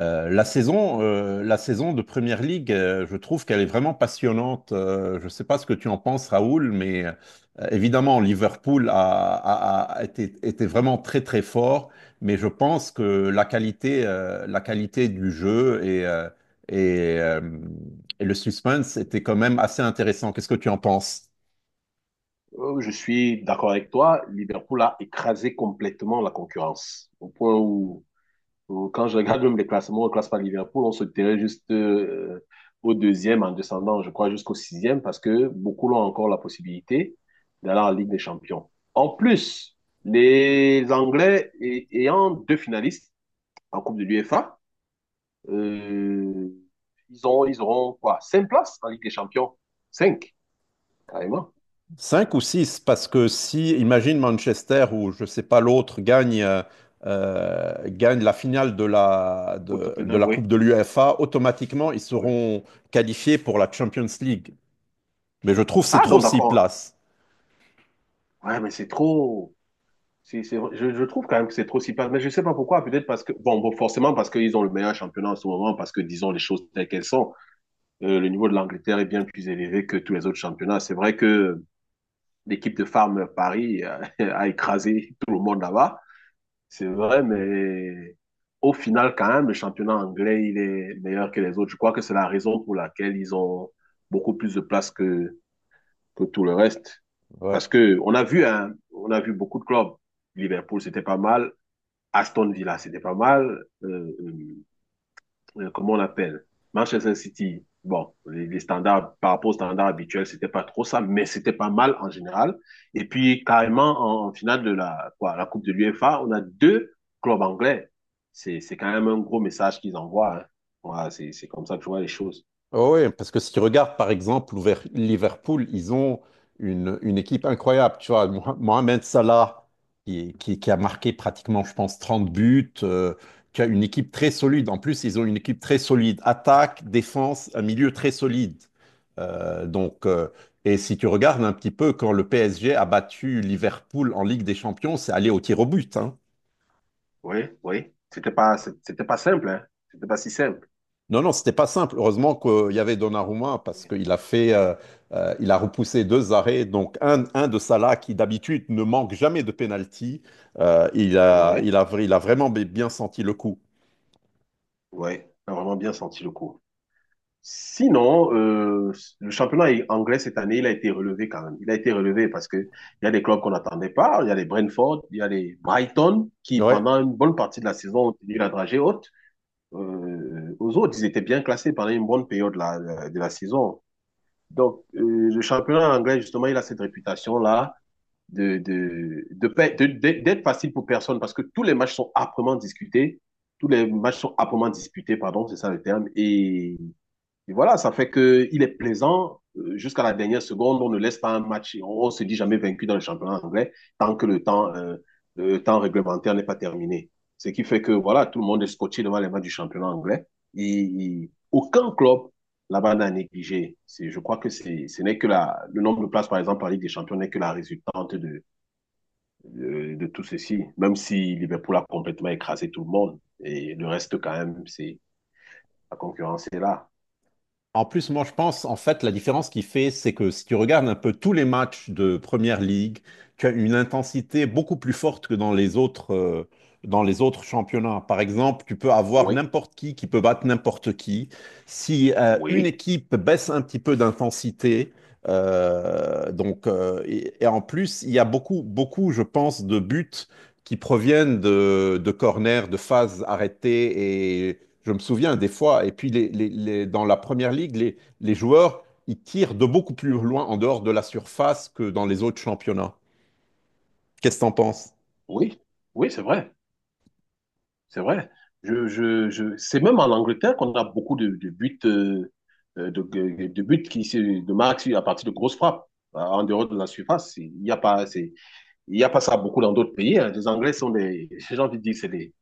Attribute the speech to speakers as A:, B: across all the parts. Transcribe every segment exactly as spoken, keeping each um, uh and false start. A: Euh, la saison, euh, la saison de Première Ligue, euh, je trouve qu'elle est vraiment passionnante. Euh, je ne sais pas ce que tu en penses, Raoul, mais euh, évidemment, Liverpool a, a- a été, était vraiment très, très fort. Mais je pense que la qualité, euh, la qualité du jeu et, euh, et, euh, et le suspense étaient quand même assez intéressants. Qu'est-ce que tu en penses?
B: Euh, Je suis d'accord avec toi. Liverpool a écrasé complètement la concurrence. Au point où, où quand je regarde même les classements, on ne classe pas Liverpool, on se terrait juste euh, au deuxième en descendant, je crois, jusqu'au sixième, parce que beaucoup l'ont encore la possibilité d'aller en Ligue des Champions. En plus, les Anglais ay- ayant deux finalistes en Coupe de l'UEFA, euh, ils ont, ils auront quoi? Cinq places en Ligue des Champions. Cinq, carrément.
A: Cinq ou six, parce que si, imagine Manchester ou je sais pas l'autre gagne, euh, euh, gagne la finale de la,
B: Ou
A: de, de
B: Tottenham,
A: la Coupe
B: oui.
A: de l'UEFA, automatiquement ils
B: Oui.
A: seront qualifiés pour la Champions League. Mais je trouve que c'est
B: Ah,
A: trop
B: donc
A: six
B: d'accord.
A: places.
B: Ouais, mais c'est trop. C'est, c'est... Je, je trouve quand même que c'est trop si passe. Mais je sais pas pourquoi. Peut-être parce que. Bon, bon forcément, parce qu'ils ont le meilleur championnat en ce moment, parce que disons les choses telles qu'elles sont. Euh, le niveau de l'Angleterre est bien plus élevé que tous les autres championnats. C'est vrai que l'équipe de Farm Paris a, a écrasé tout le monde là-bas. C'est vrai, mais au final, quand même, le championnat anglais, il est meilleur que les autres. Je crois que c'est la raison pour laquelle ils ont beaucoup plus de place que que tout le reste.
A: Ouais.
B: Parce que on a vu, hein, on a vu beaucoup de clubs. Liverpool, c'était pas mal. Aston Villa, c'était pas mal. Euh, euh, euh, comment on appelle? Manchester City, bon, les, les, standards, par rapport aux standards habituels, c'était pas trop ça, mais c'était pas mal en général. Et puis, carrément, en, en finale de la, quoi, la Coupe de l'UEFA, on a deux clubs anglais. C'est, c'est quand même un gros message qu'ils envoient. Hein. Voilà, c'est, c'est comme ça que je vois les choses.
A: Oh oui, parce que si tu regardes par exemple Louver- Liverpool, ils ont une, une équipe incroyable. Tu vois, Moha- Mohamed Salah, qui, qui- qui a marqué pratiquement, je pense, trente buts, euh, qui a une équipe très solide. En plus, ils ont une équipe très solide. Attaque, défense, un milieu très solide. Euh, donc, euh, et si tu regardes un petit peu, quand le P S G a battu Liverpool en Ligue des Champions, c'est allé au tir au but, hein.
B: Oui, oui. C'était pas, c'était pas simple, hein. C'était pas si simple.
A: Non, non, c'était pas simple. Heureusement qu'il y avait Donnarumma parce
B: Oui.
A: qu'il a fait, euh, euh, il a repoussé deux arrêts. Donc un, un de Salah qui d'habitude ne manque jamais de penalty, euh, il a,
B: Ouais,
A: il a, il a vraiment bien senti le coup.
B: ouais, t'as vraiment bien senti le coup. Sinon, euh, le championnat anglais cette année, il a été relevé quand même. Il a été relevé parce que il y a des clubs qu'on n'attendait pas. Il y a les Brentford, il y a les Brighton qui,
A: Ouais.
B: pendant une bonne partie de la saison, ont tenu la dragée haute. Euh, aux autres, ils étaient bien classés pendant une bonne période là, de la saison. Donc, euh, le championnat anglais, justement, il a cette réputation-là de, de, de, de, de, d'être facile pour personne parce que tous les matchs sont âprement discutés. Tous les matchs sont âprement disputés, pardon, c'est ça le terme. Et, et voilà, ça fait qu'il est plaisant euh, jusqu'à la dernière seconde. On ne laisse pas un match, on, ne se dit jamais vaincu dans le championnat anglais tant que le temps, euh, le temps réglementaire n'est pas terminé. Ce qui fait que voilà, tout le monde est scotché devant les matchs du championnat anglais. Et, et aucun club là-bas n'a négligé. C'est Je crois que c'est ce n'est que la, le nombre de places, par exemple, en Ligue des Champions n'est que la résultante de, euh, de tout ceci, même si Liverpool a complètement écrasé tout le monde. Et le reste, quand même, c'est la concurrence est là.
A: En plus, moi, je pense, en fait, la différence qui fait, c'est que si tu regardes un peu tous les matchs de Première Ligue, tu as une intensité beaucoup plus forte que dans les autres, euh, dans les autres championnats. Par exemple, tu peux avoir
B: Oui,
A: n'importe qui qui peut battre n'importe qui. Si euh, une
B: oui,
A: équipe baisse un petit peu d'intensité, euh, donc, euh, et, et en plus, il y a beaucoup, beaucoup, je pense, de buts qui proviennent de, de corners, de phases arrêtées. Et je me souviens des fois, et puis les, les- les- dans la première ligue, les, les joueurs, ils tirent de beaucoup plus loin en dehors de la surface que dans les autres championnats. Qu'est-ce que t'en penses?
B: oui, oui, c'est vrai, c'est vrai. Je, je, je... C'est même en Angleterre qu'on a beaucoup de, de buts, euh, de, de, de buts qui se de marquent à partir de grosses frappes, en dehors de la surface. Il n'y a pas, c'est Il n'y a pas ça beaucoup dans d'autres pays. Hein. Les Anglais sont des, j'ai envie de dire, c'est des,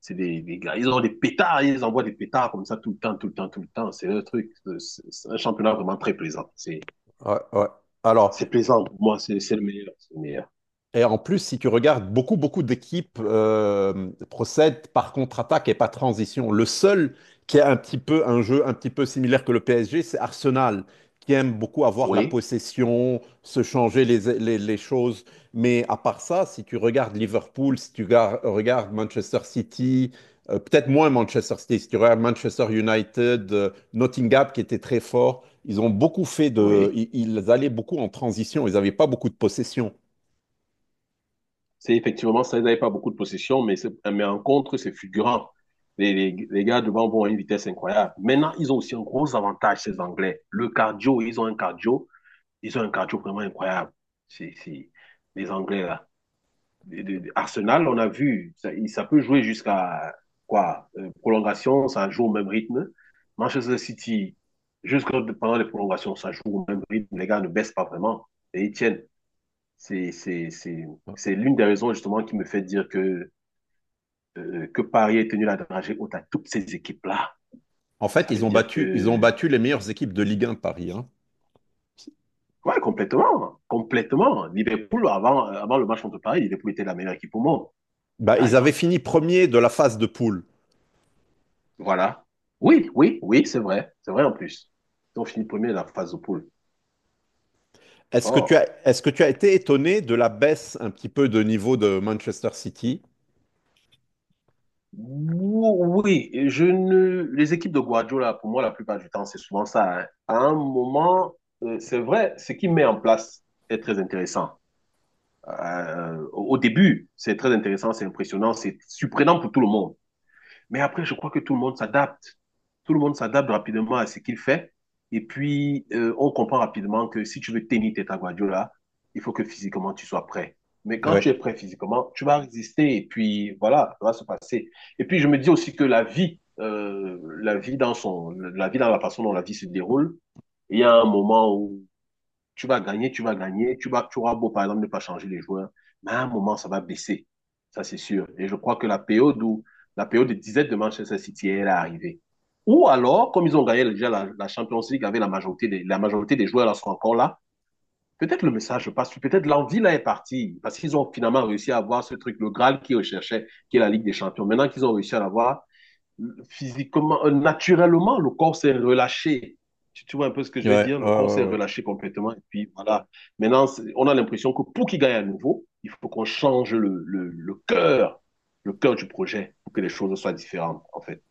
B: c'est des, des gars. Ils ont des pétards, ils envoient des pétards comme ça tout le temps, tout le temps, tout le temps. C'est un truc, c'est c'est un championnat vraiment très plaisant. C'est,
A: Ouais, ouais. Alors,
B: c'est plaisant pour moi, c'est, c'est le meilleur, c'est le meilleur.
A: et en plus, si tu regardes, beaucoup, beaucoup d'équipes euh, procèdent par contre-attaque et par transition. Le seul qui a un petit peu un jeu un petit peu similaire que le P S G, c'est Arsenal, qui aime beaucoup avoir la
B: Oui,
A: possession, se changer les, les- les choses. Mais à part ça, si tu regardes Liverpool, si tu gar- regardes Manchester City, euh, peut-être moins Manchester City, si tu regardes Manchester United, euh, Nottingham qui était très fort, ils ont beaucoup fait de...
B: oui.
A: Ils, ils allaient beaucoup en transition, ils n'avaient pas beaucoup de possession.
B: C'est effectivement ça, ils n'avaient pas beaucoup de possession, mais, c'est- mais en contre, c'est fulgurant. Les, les, les gars devant vont à une vitesse incroyable. Maintenant, ils ont aussi un gros avantage, ces Anglais. Le cardio, ils ont un cardio, ils ont un cardio vraiment incroyable. C'est, c'est, les Anglais, là. de- de- Arsenal, on a vu, ça, ça peut jouer jusqu'à quoi? Euh, prolongation, ça joue au même rythme. Manchester City, jusque pendant les prolongations, ça joue au même rythme. Les gars ne baissent pas vraiment et ils tiennent. C'est, c'est, c'est, c'est l'une des raisons justement qui me fait dire que, euh, que Paris est tenu la dragée haute à toutes ces équipes-là.
A: En fait,
B: Ça veut
A: ils ont
B: dire
A: battu, ils ont
B: que,
A: battu les meilleures équipes de Ligue un, Paris, hein.
B: ouais, complètement, complètement. Liverpool, avant, euh, avant le match contre Paris, Liverpool était la meilleure équipe au monde,
A: Bah,
B: par
A: ils avaient
B: exemple.
A: fini premier de la phase de poule.
B: Voilà. Oui, oui, oui, c'est vrai. C'est vrai en plus. Ils ont fini premier de la phase de poule.
A: Est-ce que tu
B: Oh.
A: as, est-ce que tu as été étonné de la baisse un petit peu de niveau de Manchester City?
B: Ou- Oui, et je ne... les équipes de Guardiola, pour moi, la plupart du temps, c'est souvent ça. Hein. À un moment, euh, c'est vrai, ce qu'il met en place est très intéressant. Euh, au au début, c'est très intéressant, c'est impressionnant, c'est surprenant pour tout le monde. Mais après, je crois que tout le monde s'adapte. Tout le monde s'adapte rapidement à ce qu'il fait. Et puis, euh, on comprend rapidement que si tu veux tenir tête à Guardiola, il faut que physiquement tu sois prêt. Mais quand tu es
A: Ouais,
B: prêt physiquement, tu vas résister et puis voilà, ça va se passer. Et puis, je me dis aussi que la vie, euh, la vie dans son, la vie dans la façon dont la vie se déroule, il y a un moment où tu vas gagner, tu vas gagner, tu vas, tu auras beau, par exemple, ne pas changer les joueurs, mais à un moment, ça va baisser. Ça, c'est sûr. Et je crois que la période où, la période de disette de Manchester City, elle est arrivée. Ou alors, comme ils ont gagné déjà la, la Champions League avec la majorité des, la majorité des joueurs là sont encore là, peut-être le message passe, peut-être l'envie là est partie, parce qu'ils ont finalement réussi à avoir ce truc, le Graal qu'ils recherchaient, qui est la Ligue des Champions. Maintenant qu'ils ont réussi à l'avoir, physiquement, euh, naturellement, le corps s'est relâché. Tu, tu vois un peu ce que je veux
A: ouais,
B: dire?
A: ouais,
B: Le corps
A: ouais,
B: s'est
A: ouais.
B: relâché complètement. Et puis voilà. Maintenant, on a l'impression que pour qu'il gagne à nouveau, il faut qu'on change le, le, le cœur, le cœur du projet pour que les choses soient différentes, en fait.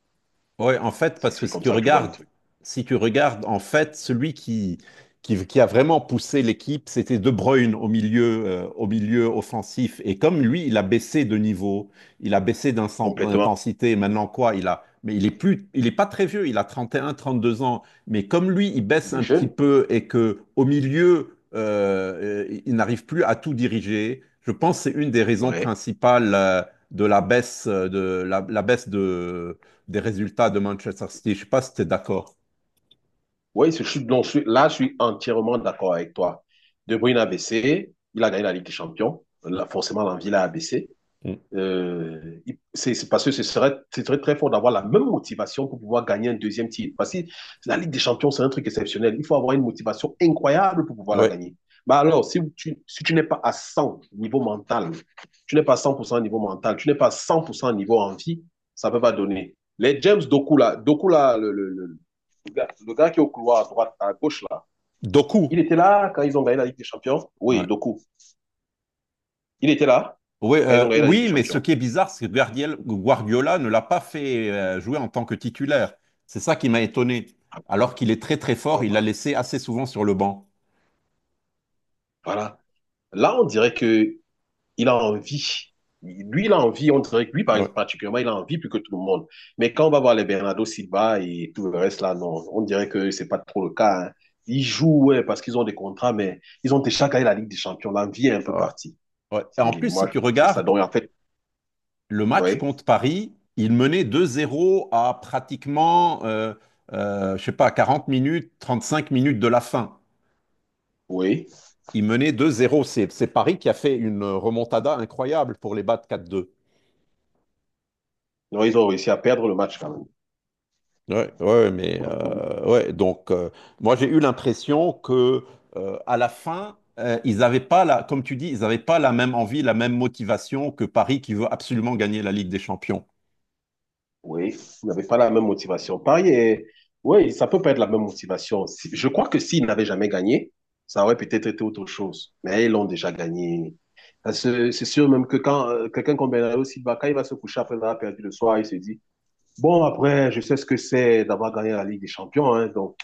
A: Ouais, en fait, parce que
B: C'est
A: si
B: comme
A: tu
B: ça que je vois le
A: regardes,
B: truc.
A: si tu regardes, en fait, celui qui, qui, qui a vraiment poussé l'équipe, c'était De Bruyne au milieu, euh, au milieu offensif. Et comme lui, il a baissé de niveau, il a baissé d'insen-
B: Complètement.
A: d'intensité. Maintenant, quoi, il a, mais il est
B: Ouais.
A: plus, il est pas très vieux, il a trente et un, trente deux ans. Mais comme lui, il baisse
B: Il est
A: un petit
B: jeune.
A: peu et que au milieu, euh, euh, il n'arrive plus à tout diriger. Je pense que c'est une des raisons
B: Ouais.
A: principales, euh, de la baisse, euh, de la la baisse de des résultats de Manchester City. Je ne sais pas si tu es d'accord.
B: Ouais, je suis, donc là, je suis entièrement d'accord avec toi. De Bruyne a baissé. Il a gagné la Ligue des Champions. Là, forcément, l'envie l'a abaissé.
A: Mm.
B: Euh, c'est c'est parce que ce serait, ce serait très fort d'avoir la même motivation pour pouvoir gagner un deuxième titre. Parce que la Ligue des Champions, c'est un truc exceptionnel. Il faut avoir une motivation incroyable pour pouvoir la
A: Ouais.
B: gagner. Mais alors, si tu, si tu n'es pas à cent niveau mental, tu n'es pas à cent pour cent au niveau mental, tu n'es pas à cent pour cent au niveau envie, ça ne peut pas donner. Les James Doku, là, Doku, là, le, le- le- le gars, le gars qui est au couloir à droite, à gauche, là,
A: Doku.
B: il était là quand ils ont gagné la Ligue des Champions. Oui,
A: Ouais.
B: Doku. Il était là
A: Oui,
B: quand ils ont
A: euh,
B: gagné la Ligue des
A: oui, mais ce
B: Champions.
A: qui est bizarre, c'est que Guardiola ne l'a pas fait euh, jouer en tant que titulaire. C'est ça qui m'a étonné.
B: Ah,
A: Alors qu'il est très très fort,
B: bon,
A: il l'a
B: voilà.
A: laissé assez souvent sur le banc.
B: Voilà. Là, on dirait que il a envie. Lui, il a envie, on dirait que lui, par-
A: Ouais.
B: particulièrement, il a envie plus que tout le monde. Mais quand on va voir les Bernardo Silva et tout le reste là, non, on dirait que c'est pas trop le cas. Hein. Ils jouent, ouais, parce qu'ils ont des contrats, mais ils ont déjà gagné la Ligue des Champions. L'envie est un peu
A: Ouais.
B: partie.
A: Ouais. Et
B: C'est-
A: en plus,
B: Moi,
A: si
B: je
A: tu
B: pense que c'est ça.
A: regardes
B: Donc, en fait,
A: le match
B: oui,
A: contre Paris, il menait deux zéro à pratiquement, euh, euh, je sais pas, quarante minutes, trente-cinq minutes de la fin.
B: oui.
A: Ils menaient deux zéro. C'est c'est Paris qui a fait une remontada incroyable pour les battre quatre deux.
B: Non, ils ont réussi à perdre le match quand
A: Ouais, ouais, mais
B: même.
A: euh, ouais, donc euh, moi j'ai eu l'impression que euh, à la fin, euh, ils n'avaient pas la, comme tu dis, ils n'avaient pas la même envie, la même motivation que Paris qui veut absolument gagner la Ligue des Champions.
B: Oui, vous n'avez pas la même motivation. Pareil, et- oui, ça peut pas être la même motivation. Si- Je crois que s'ils n'avaient jamais gagné, ça aurait peut-être été autre chose. Mais ils l'ont déjà gagné. Parce que c'est sûr même que quand euh, quelqu'un comme Bernardo Silva, quand il va se coucher après avoir perdu le soir, il se dit, bon, après, je sais ce que c'est d'avoir gagné la Ligue des Champions. Hein. Donc,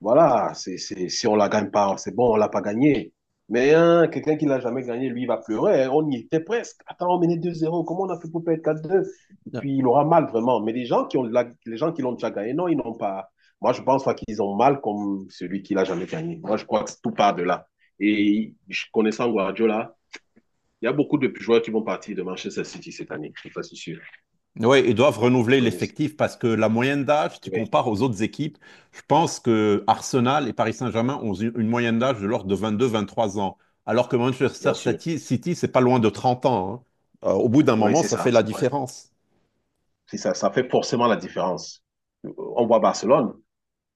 B: voilà, c'est, c'est, si on la gagne pas, c'est bon, on l'a pas gagné. Mais hein, quelqu'un qui l'a jamais gagné, lui, il va pleurer. Hein. On y était presque. Attends, on menait deux zéro. Comment on a fait pour perdre quatre deux? Et puis, il aura mal, vraiment. Mais les gens qui ont, la- les gens qui l'ont déjà gagné, non, ils n'ont pas. Moi, je pense pas qu'ils ont mal comme celui qui l'a jamais gagné. Moi, je crois que tout part de là. Et je- connaissant Guardiola, il y a beaucoup de joueurs qui vont partir de Manchester City cette année. Je suis pas si sûr. Ils
A: Oui, ils doivent renouveler
B: connaissent.
A: l'effectif parce que la moyenne d'âge, tu
B: Oui,
A: compares aux autres équipes, je pense que Arsenal et Paris Saint-Germain ont une une moyenne d'âge de l'ordre de vingt-deux, vingt-trois ans, alors que Manchester
B: bien sûr.
A: City, City, c'est pas loin de trente ans, hein. Euh, au bout d'un
B: Oui,
A: moment,
B: c'est
A: ça fait
B: ça,
A: la
B: c'est vrai.
A: différence.
B: C'est ça, ça fait forcément la différence. Euh, On voit Barcelone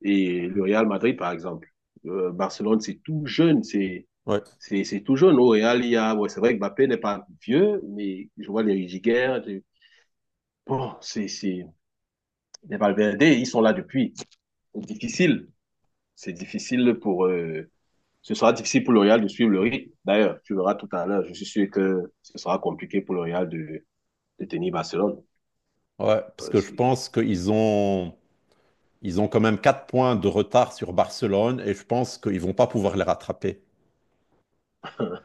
B: et le Real Madrid, par exemple. Euh, Barcelone, c'est tout jeune, c'est
A: Ouais.
B: c'est c'est tout jeune. Au Real, il y a, ouais, c'est vrai que Mbappé n'est pas vieux, mais je vois les Rudiger, les- bon, c'est c'est les Valverde, ils sont là depuis. C'est difficile, c'est difficile pour. Euh, ce sera difficile pour le Real de suivre le rythme. D'ailleurs, tu verras tout à l'heure. Je suis sûr que ce sera compliqué pour le Real de de tenir Barcelone.
A: Ouais, parce
B: Euh,
A: que je
B: si-
A: pense qu'ils ont, ils ont quand même quatre points de retard sur Barcelone et je pense qu'ils vont pas pouvoir les rattraper.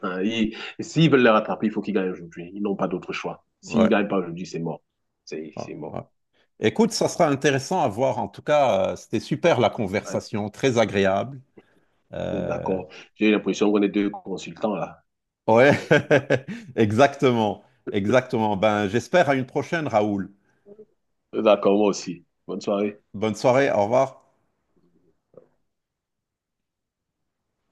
B: Hein, ils- s'ils veulent les rattraper, il faut qu'ils gagnent aujourd'hui. Ils n'ont pas d'autre choix. S'ils ne
A: Ouais.
B: gagnent pas aujourd'hui, c'est mort. C'est
A: Ouais,
B: c'est
A: ouais.
B: mort. C'est
A: Écoute,
B: ça.
A: ça sera intéressant à voir. En tout cas, euh, c'était super la
B: Ouais,
A: conversation, très agréable.
B: on est
A: Euh,
B: d'accord. J'ai l'impression qu'on est deux consultants là.
A: Ouais, exactement, exactement. Ben, j'espère à une prochaine, Raoul.
B: D'accord, moi aussi. Bonne soirée.
A: Bonne soirée, au revoir.